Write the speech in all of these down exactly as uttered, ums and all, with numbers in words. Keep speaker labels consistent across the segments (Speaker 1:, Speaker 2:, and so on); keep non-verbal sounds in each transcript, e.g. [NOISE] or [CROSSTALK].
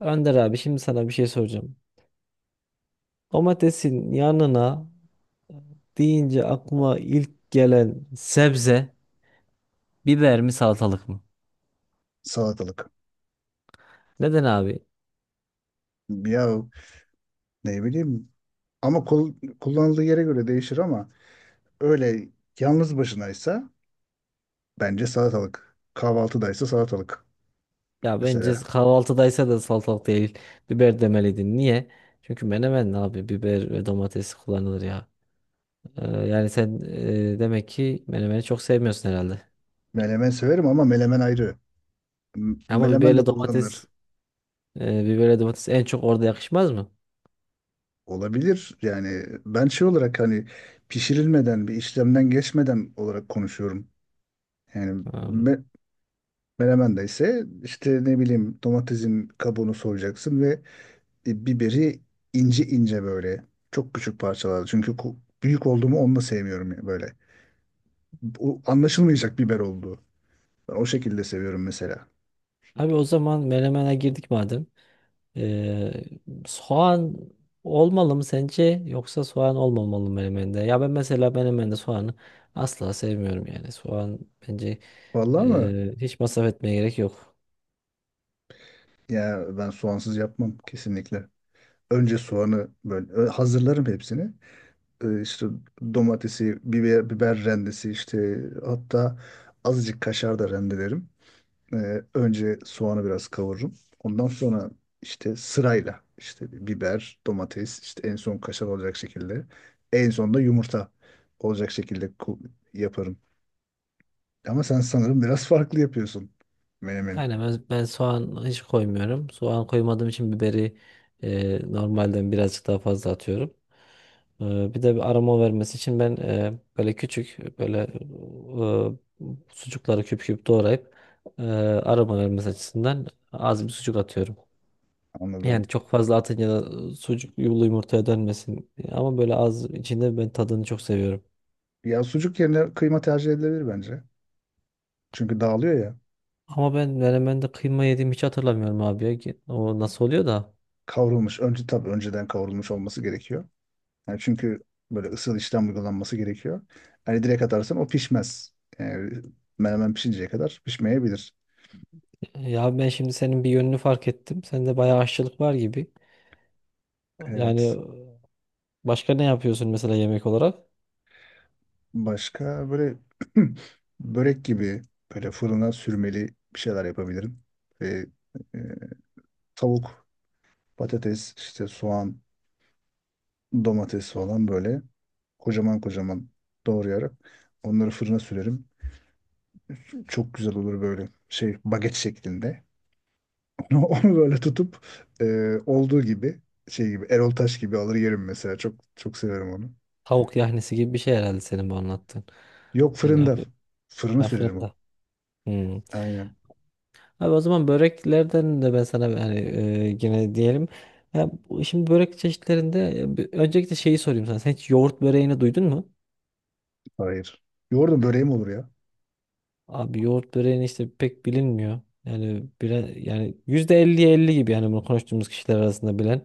Speaker 1: Önder abi şimdi sana bir şey soracağım. Domatesin yanına e, deyince aklıma ilk gelen sebze biber mi salatalık mı?
Speaker 2: Salatalık.
Speaker 1: Neden abi?
Speaker 2: Ya ne bileyim ama kul- kullanıldığı yere göre değişir ama öyle yalnız başınaysa bence salatalık. Kahvaltıdaysa salatalık
Speaker 1: Ya bence
Speaker 2: mesela.
Speaker 1: kahvaltıdaysa da salatalık değil biber demeliydin. Niye? Çünkü menemen abi biber ve domates kullanılır ya. Ee, yani sen e, demek ki menemeni çok sevmiyorsun herhalde.
Speaker 2: Menemen severim ama menemen ayrı. M-
Speaker 1: Ama
Speaker 2: Menemen de
Speaker 1: biberle domates
Speaker 2: kullanılır.
Speaker 1: e, biberle domates en çok orada yakışmaz mı?
Speaker 2: Olabilir yani ben şey olarak hani pişirilmeden bir işlemden geçmeden olarak konuşuyorum. Yani
Speaker 1: Hmm.
Speaker 2: me Menemen de ise işte ne bileyim domatesin kabuğunu soyacaksın ve e, biberi ince ince böyle çok küçük parçalarda. Çünkü ku- büyük olduğumu onu da sevmiyorum böyle. O anlaşılmayacak biber olduğu. Ben o şekilde seviyorum mesela.
Speaker 1: Abi o zaman menemene girdik madem. Ee, soğan olmalı mı sence yoksa soğan olmamalı mı menemende? Ya ben mesela menemende soğanı asla sevmiyorum yani. Soğan bence
Speaker 2: Vallahi mı?
Speaker 1: e, hiç masraf etmeye gerek yok.
Speaker 2: Ya ben soğansız yapmam kesinlikle. Önce soğanı böyle ö- hazırlarım hepsini. Ee, işte domatesi, biber, biber rendesi işte hatta azıcık kaşar da rendelerim. Ee, önce soğanı biraz kavururum. Ondan sonra işte sırayla işte bir biber, domates, işte en son kaşar olacak şekilde. En son da yumurta olacak şekilde ku- yaparım. Ama sen sanırım biraz farklı yapıyorsun menemeni.
Speaker 1: Aynen ben, ben soğan hiç koymuyorum. Soğan koymadığım için biberi e, normalden birazcık daha fazla atıyorum. Ee, bir de bir aroma vermesi için ben e, böyle küçük böyle e, sucukları küp küp doğrayıp e, aroma vermesi açısından az bir sucuk atıyorum. Yani
Speaker 2: Anladım.
Speaker 1: çok fazla atınca da sucuk yulu yumurtaya dönmesin. Ama böyle az içinde ben tadını çok seviyorum.
Speaker 2: Ya sucuk yerine kıyma tercih edilebilir bence. Çünkü dağılıyor ya.
Speaker 1: Ama ben menemende kıyma yediğimi hiç hatırlamıyorum abi ya. Ki O nasıl oluyor da?
Speaker 2: Kavrulmuş. Önce tabii önceden kavrulmuş olması gerekiyor. Yani çünkü böyle ısıl işlem uygulanması gerekiyor. Hani direkt atarsan o pişmez. Yani menemen pişinceye kadar pişmeyebilir.
Speaker 1: Ya ben şimdi senin bir yönünü fark ettim. Sende bayağı aşçılık var gibi. Yani
Speaker 2: Evet.
Speaker 1: başka ne yapıyorsun mesela yemek olarak?
Speaker 2: Başka böyle [CLEARS THROAT] börek gibi böyle fırına sürmeli bir şeyler yapabilirim. Ve e, tavuk, patates, işte soğan, domates falan böyle kocaman kocaman doğrayarak onları fırına sürerim. Çok güzel olur böyle şey baget şeklinde. [LAUGHS] Onu, onu böyle tutup e, olduğu gibi şey gibi Erol Taş gibi alır yerim mesela. Çok çok severim onu.
Speaker 1: Tavuk yahnisi gibi bir şey herhalde senin bu anlattığın.
Speaker 2: Yok,
Speaker 1: Yani
Speaker 2: fırında.
Speaker 1: abi
Speaker 2: Fırına sürerim
Speaker 1: aferin
Speaker 2: onu.
Speaker 1: de. Hmm.
Speaker 2: Aynen.
Speaker 1: Abi o zaman böreklerden de ben sana yani e, yine diyelim. Ya, bu- şimdi börek çeşitlerinde e, bir- öncelikle şeyi sorayım sana. Sen hiç yoğurt böreğini duydun mu?
Speaker 2: Hayır. Yoğurdu böreğim olur ya.
Speaker 1: Abi yoğurt böreğini işte pek bilinmiyor. Yani bire, yani yüzde elliye elli gibi yani bunu konuştuğumuz kişiler arasında bilen.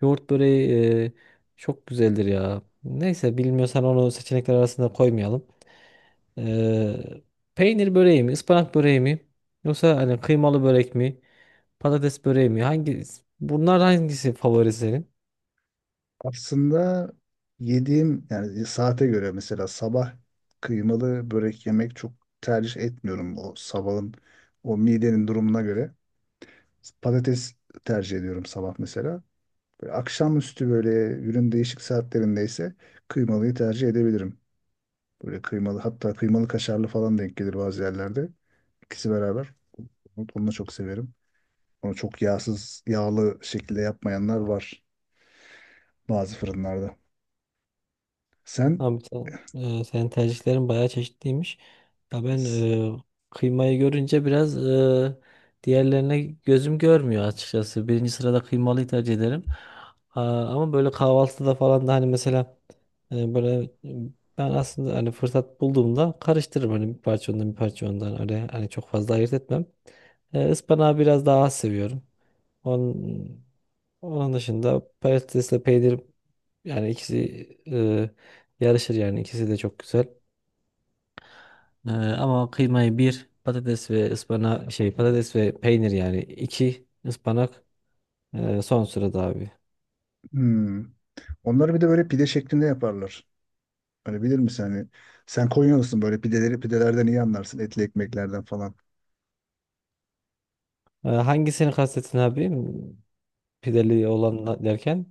Speaker 1: Yoğurt böreği e, çok güzeldir ya. Neyse bilmiyorsan onu seçenekler arasında koymayalım. Ee, peynir böreği mi, ıspanak böreği mi? Yoksa hani kıymalı börek mi? Patates böreği mi? Hangi bunlar hangisi favori senin?
Speaker 2: Aslında yediğim yani e, saate göre mesela sabah kıymalı börek yemek çok tercih etmiyorum o sabahın o midenin durumuna göre. Patates tercih ediyorum sabah mesela. Böyle akşamüstü böyle günün değişik saatlerindeyse kıymalıyı tercih edebilirim. Böyle kıymalı hatta kıymalı kaşarlı falan denk gelir bazı yerlerde. İkisi beraber. Onu onu da çok severim. Onu çok yağsız, yağlı şekilde yapmayanlar var bazı fırınlarda. Sen.
Speaker 1: Abi sen, e, senin tercihlerin bayağı çeşitliymiş. Ya ben e, kıymayı görünce biraz e, diğerlerine gözüm görmüyor açıkçası. Birinci sırada kıymalıyı tercih ederim. Aa, ama böyle kahvaltıda falan da hani mesela e, böyle e, ben aslında hani fırsat bulduğumda karıştırırım hani bir parça ondan bir parça ondan öyle hani çok fazla ayırt etmem. E, ıspanağı biraz daha az seviyorum. Onun, onun dışında patatesle peynir yani ikisi e, Yarışır yani ikisi de çok güzel. Ee, ama kıymayı bir, patates ve ıspana şey patates ve peynir yani iki ıspanak e, son sırada abi.
Speaker 2: Hmm. Onları bir de böyle pide şeklinde yaparlar. Hani bilir misin hani sen Konyalısın böyle pideleri pidelerden iyi anlarsın etli ekmeklerden falan.
Speaker 1: Ee, hangisini kastettin abi? Pideli olan derken?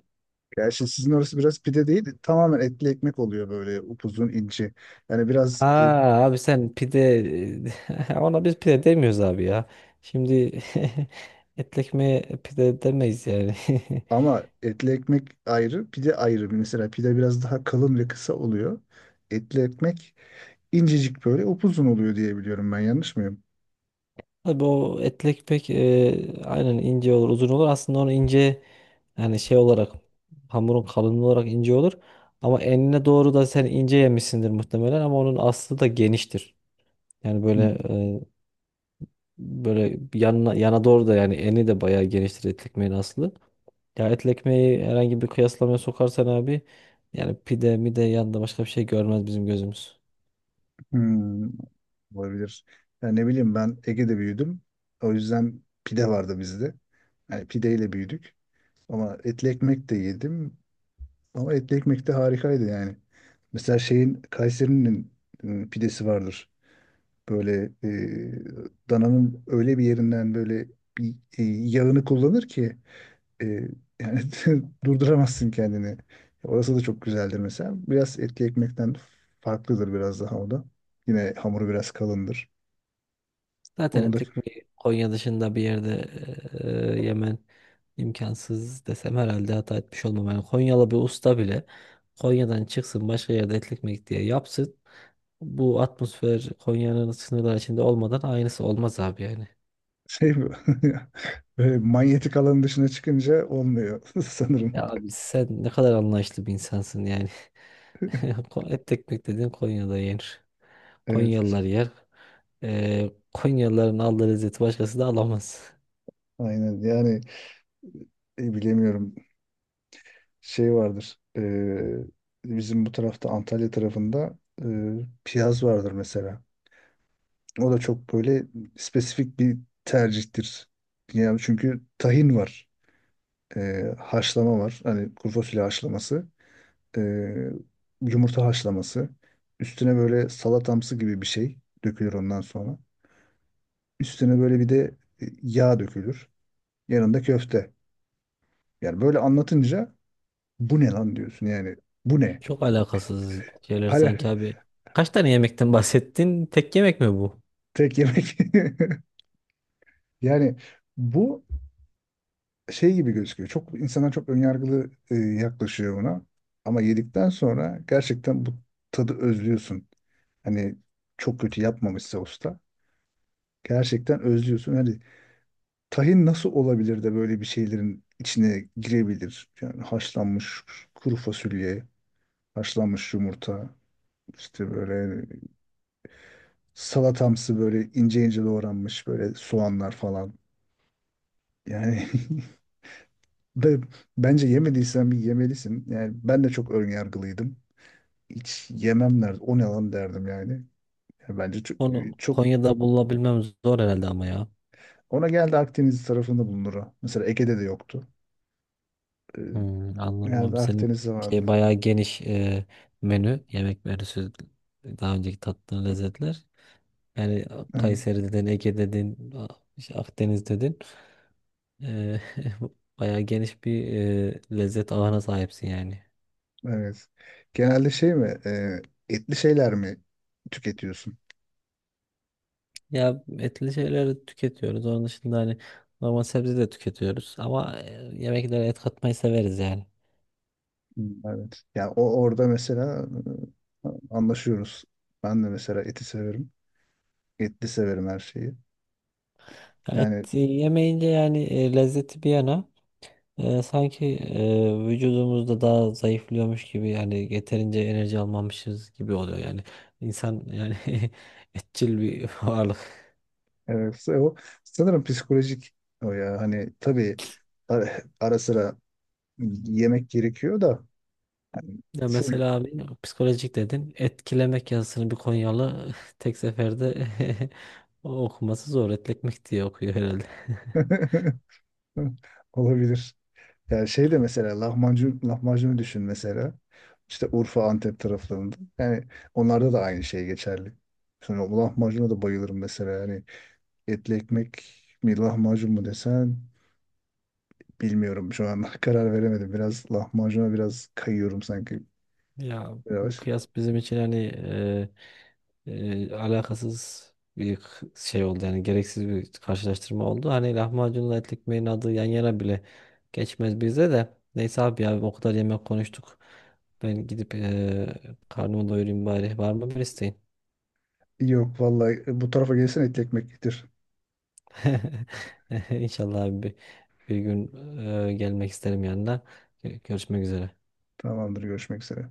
Speaker 2: Gerçi sizin orası biraz pide değil tamamen etli ekmek oluyor böyle upuzun ince. Yani
Speaker 1: Ha
Speaker 2: biraz e,
Speaker 1: abi sen pide [LAUGHS] ona biz pide demiyoruz abi ya. Şimdi [LAUGHS] etli ekmeğe pide demeyiz yani. [LAUGHS]
Speaker 2: ama etli ekmek ayrı pide ayrı. Mesela pide biraz daha kalın ve kısa oluyor. Etli ekmek incecik böyle upuzun oluyor diye biliyorum, ben yanlış mıyım?
Speaker 1: Tabii o etlek pek e, aynen ince olur, uzun olur. Aslında onu ince yani şey olarak hamurun kalınlığı olarak ince olur. Ama enine doğru da sen ince yemişsindir muhtemelen ama onun aslı da geniştir. Yani böyle e, böyle yanına yana doğru da yani eni de bayağı geniştir etli ekmeğin aslı. Ya etli ekmeği herhangi bir kıyaslamaya sokarsan abi yani pide mide yanında başka bir şey görmez bizim gözümüz.
Speaker 2: Hmm, olabilir. Ya ne bileyim ben Ege'de büyüdüm. O yüzden pide vardı bizde. Yani pideyle büyüdük. Ama etli ekmek de yedim. Ama etli ekmek de harikaydı yani. Mesela şeyin Kayseri'nin e, pidesi vardır. Böyle e, dananın öyle bir yerinden böyle bir e, yağını kullanır ki e, yani [LAUGHS] durduramazsın kendini. Orası da çok güzeldir mesela. Biraz etli ekmekten farklıdır biraz daha o da. Yine hamuru biraz kalındır.
Speaker 1: Zaten
Speaker 2: Onu da
Speaker 1: etlik bir Konya dışında bir yerde e, yemen imkansız desem herhalde hata etmiş olmam. Yani Konyalı bir usta bile Konya'dan çıksın başka yerde etli ekmek diye yapsın. Bu atmosfer Konya'nın sınırları içinde olmadan aynısı olmaz abi yani.
Speaker 2: şey bu. [LAUGHS] Böyle manyetik alanın dışına çıkınca olmuyor [LAUGHS] sanırım.
Speaker 1: Ya abi sen ne kadar anlayışlı bir insansın yani. [LAUGHS] Ko- Etli ekmek dediğin Konya'da yenir.
Speaker 2: Evet.
Speaker 1: Konyalılar yer. E, Konyalıların aldığı lezzeti başkası da alamaz.
Speaker 2: Aynen. Yani e, bilemiyorum. Şey vardır. E, bizim bu tarafta Antalya tarafında e, piyaz vardır mesela. O da çok böyle spesifik bir tercihtir. Yani çünkü tahin var. E, haşlama var. Hani kuru fasulye haşlaması. e, Yumurta haşlaması. Üstüne böyle salatamsı gibi bir şey dökülür ondan sonra. Üstüne böyle bir de e, yağ dökülür. Yanında köfte. Yani böyle anlatınca bu ne lan diyorsun yani. Bu ne?
Speaker 1: Çok alakasız şeyler
Speaker 2: Hala
Speaker 1: sanki abi. Kaç tane yemekten [LAUGHS] bahsettin? Tek yemek mi bu?
Speaker 2: [LAUGHS] tek yemek. [LAUGHS] Yani bu şey gibi gözüküyor. Çok insanlar çok önyargılı e, yaklaşıyor buna. Ama yedikten sonra gerçekten bu tadı özlüyorsun. Hani çok kötü yapmamışsa usta. Gerçekten özlüyorsun. Hani tahin nasıl olabilir de böyle bir şeylerin içine girebilir? Yani haşlanmış kuru fasulye, haşlanmış yumurta, işte böyle salatamsı böyle ince ince doğranmış böyle soğanlar falan. Yani [LAUGHS] ve bence yemediysen bir yemelisin. Yani ben de çok ön yargılıydım. Hiç yemem derdim. O ne lan derdim yani. Yani bence çok,
Speaker 1: Onu
Speaker 2: çok
Speaker 1: Konya'da bulabilmem zor herhalde ama ya.
Speaker 2: ona geldi, Akdeniz tarafında bulunur o. Mesela Ege'de de yoktu. Ee,
Speaker 1: Hmm, anlamam.
Speaker 2: Genelde
Speaker 1: Senin
Speaker 2: Akdeniz'de vardı.
Speaker 1: şey bayağı geniş e, menü. Yemek menüsü daha önceki tattığın lezzetler. Yani
Speaker 2: Evet,
Speaker 1: Kayseri dedin, Ege dedin, A- işte Akdeniz dedin. E, [LAUGHS] bayağı geniş bir e, lezzet ağına sahipsin yani.
Speaker 2: evet. Genelde şey mi? E, etli şeyler mi tüketiyorsun?
Speaker 1: Ya etli şeyleri tüketiyoruz. Onun dışında hani normal sebze de tüketiyoruz. Ama e, yemeklere et katmayı severiz yani.
Speaker 2: Hmm, evet. Yani o orada mesela e, anlaşıyoruz. Ben de mesela eti severim. Etli severim her şeyi.
Speaker 1: Et
Speaker 2: Yani
Speaker 1: yemeyince yani e, lezzeti bir yana e, sanki e, vücudumuzda daha zayıflıyormuş gibi yani yeterince enerji almamışız gibi oluyor yani. İnsan yani [LAUGHS] etçil bir varlık.
Speaker 2: evet, o sanırım psikolojik o ya. Hani tabii ara, ara sıra yemek gerekiyor da
Speaker 1: Ya
Speaker 2: full
Speaker 1: mesela abi psikolojik dedin. Etkilemek yazısını bir Konyalı [LAUGHS] tek seferde [LAUGHS] okuması zor. Etlekmek diye okuyor herhalde. [LAUGHS]
Speaker 2: [LAUGHS] olabilir. Yani şey de mesela lahmacun, lahmacunu düşün mesela. İşte Urfa, Antep taraflarında. Yani onlarda da aynı şey geçerli. Sonra o lahmacuna da bayılırım mesela. Yani etli ekmek mi lahmacun mu desen bilmiyorum şu an, [LAUGHS] karar veremedim. Biraz lahmacuna biraz kayıyorum sanki.
Speaker 1: Ya bu
Speaker 2: Biraz.
Speaker 1: kıyas bizim için hani e, e, alakasız bir k- şey oldu yani gereksiz bir karşılaştırma oldu. Hani lahmacunla etli ekmeğin adı yan yana bile geçmez bize de. Neyse abi ya o kadar yemek konuştuk. Ben gidip e, karnımı doyurayım bari. Var mı bir isteğin?
Speaker 2: Yok vallahi, bu tarafa gelsen etli ekmek getir.
Speaker 1: [LAUGHS] İnşallah abi bir, bir gün e, gelmek isterim yanına. Görüşmek üzere.
Speaker 2: Tamamdır, görüşmek üzere.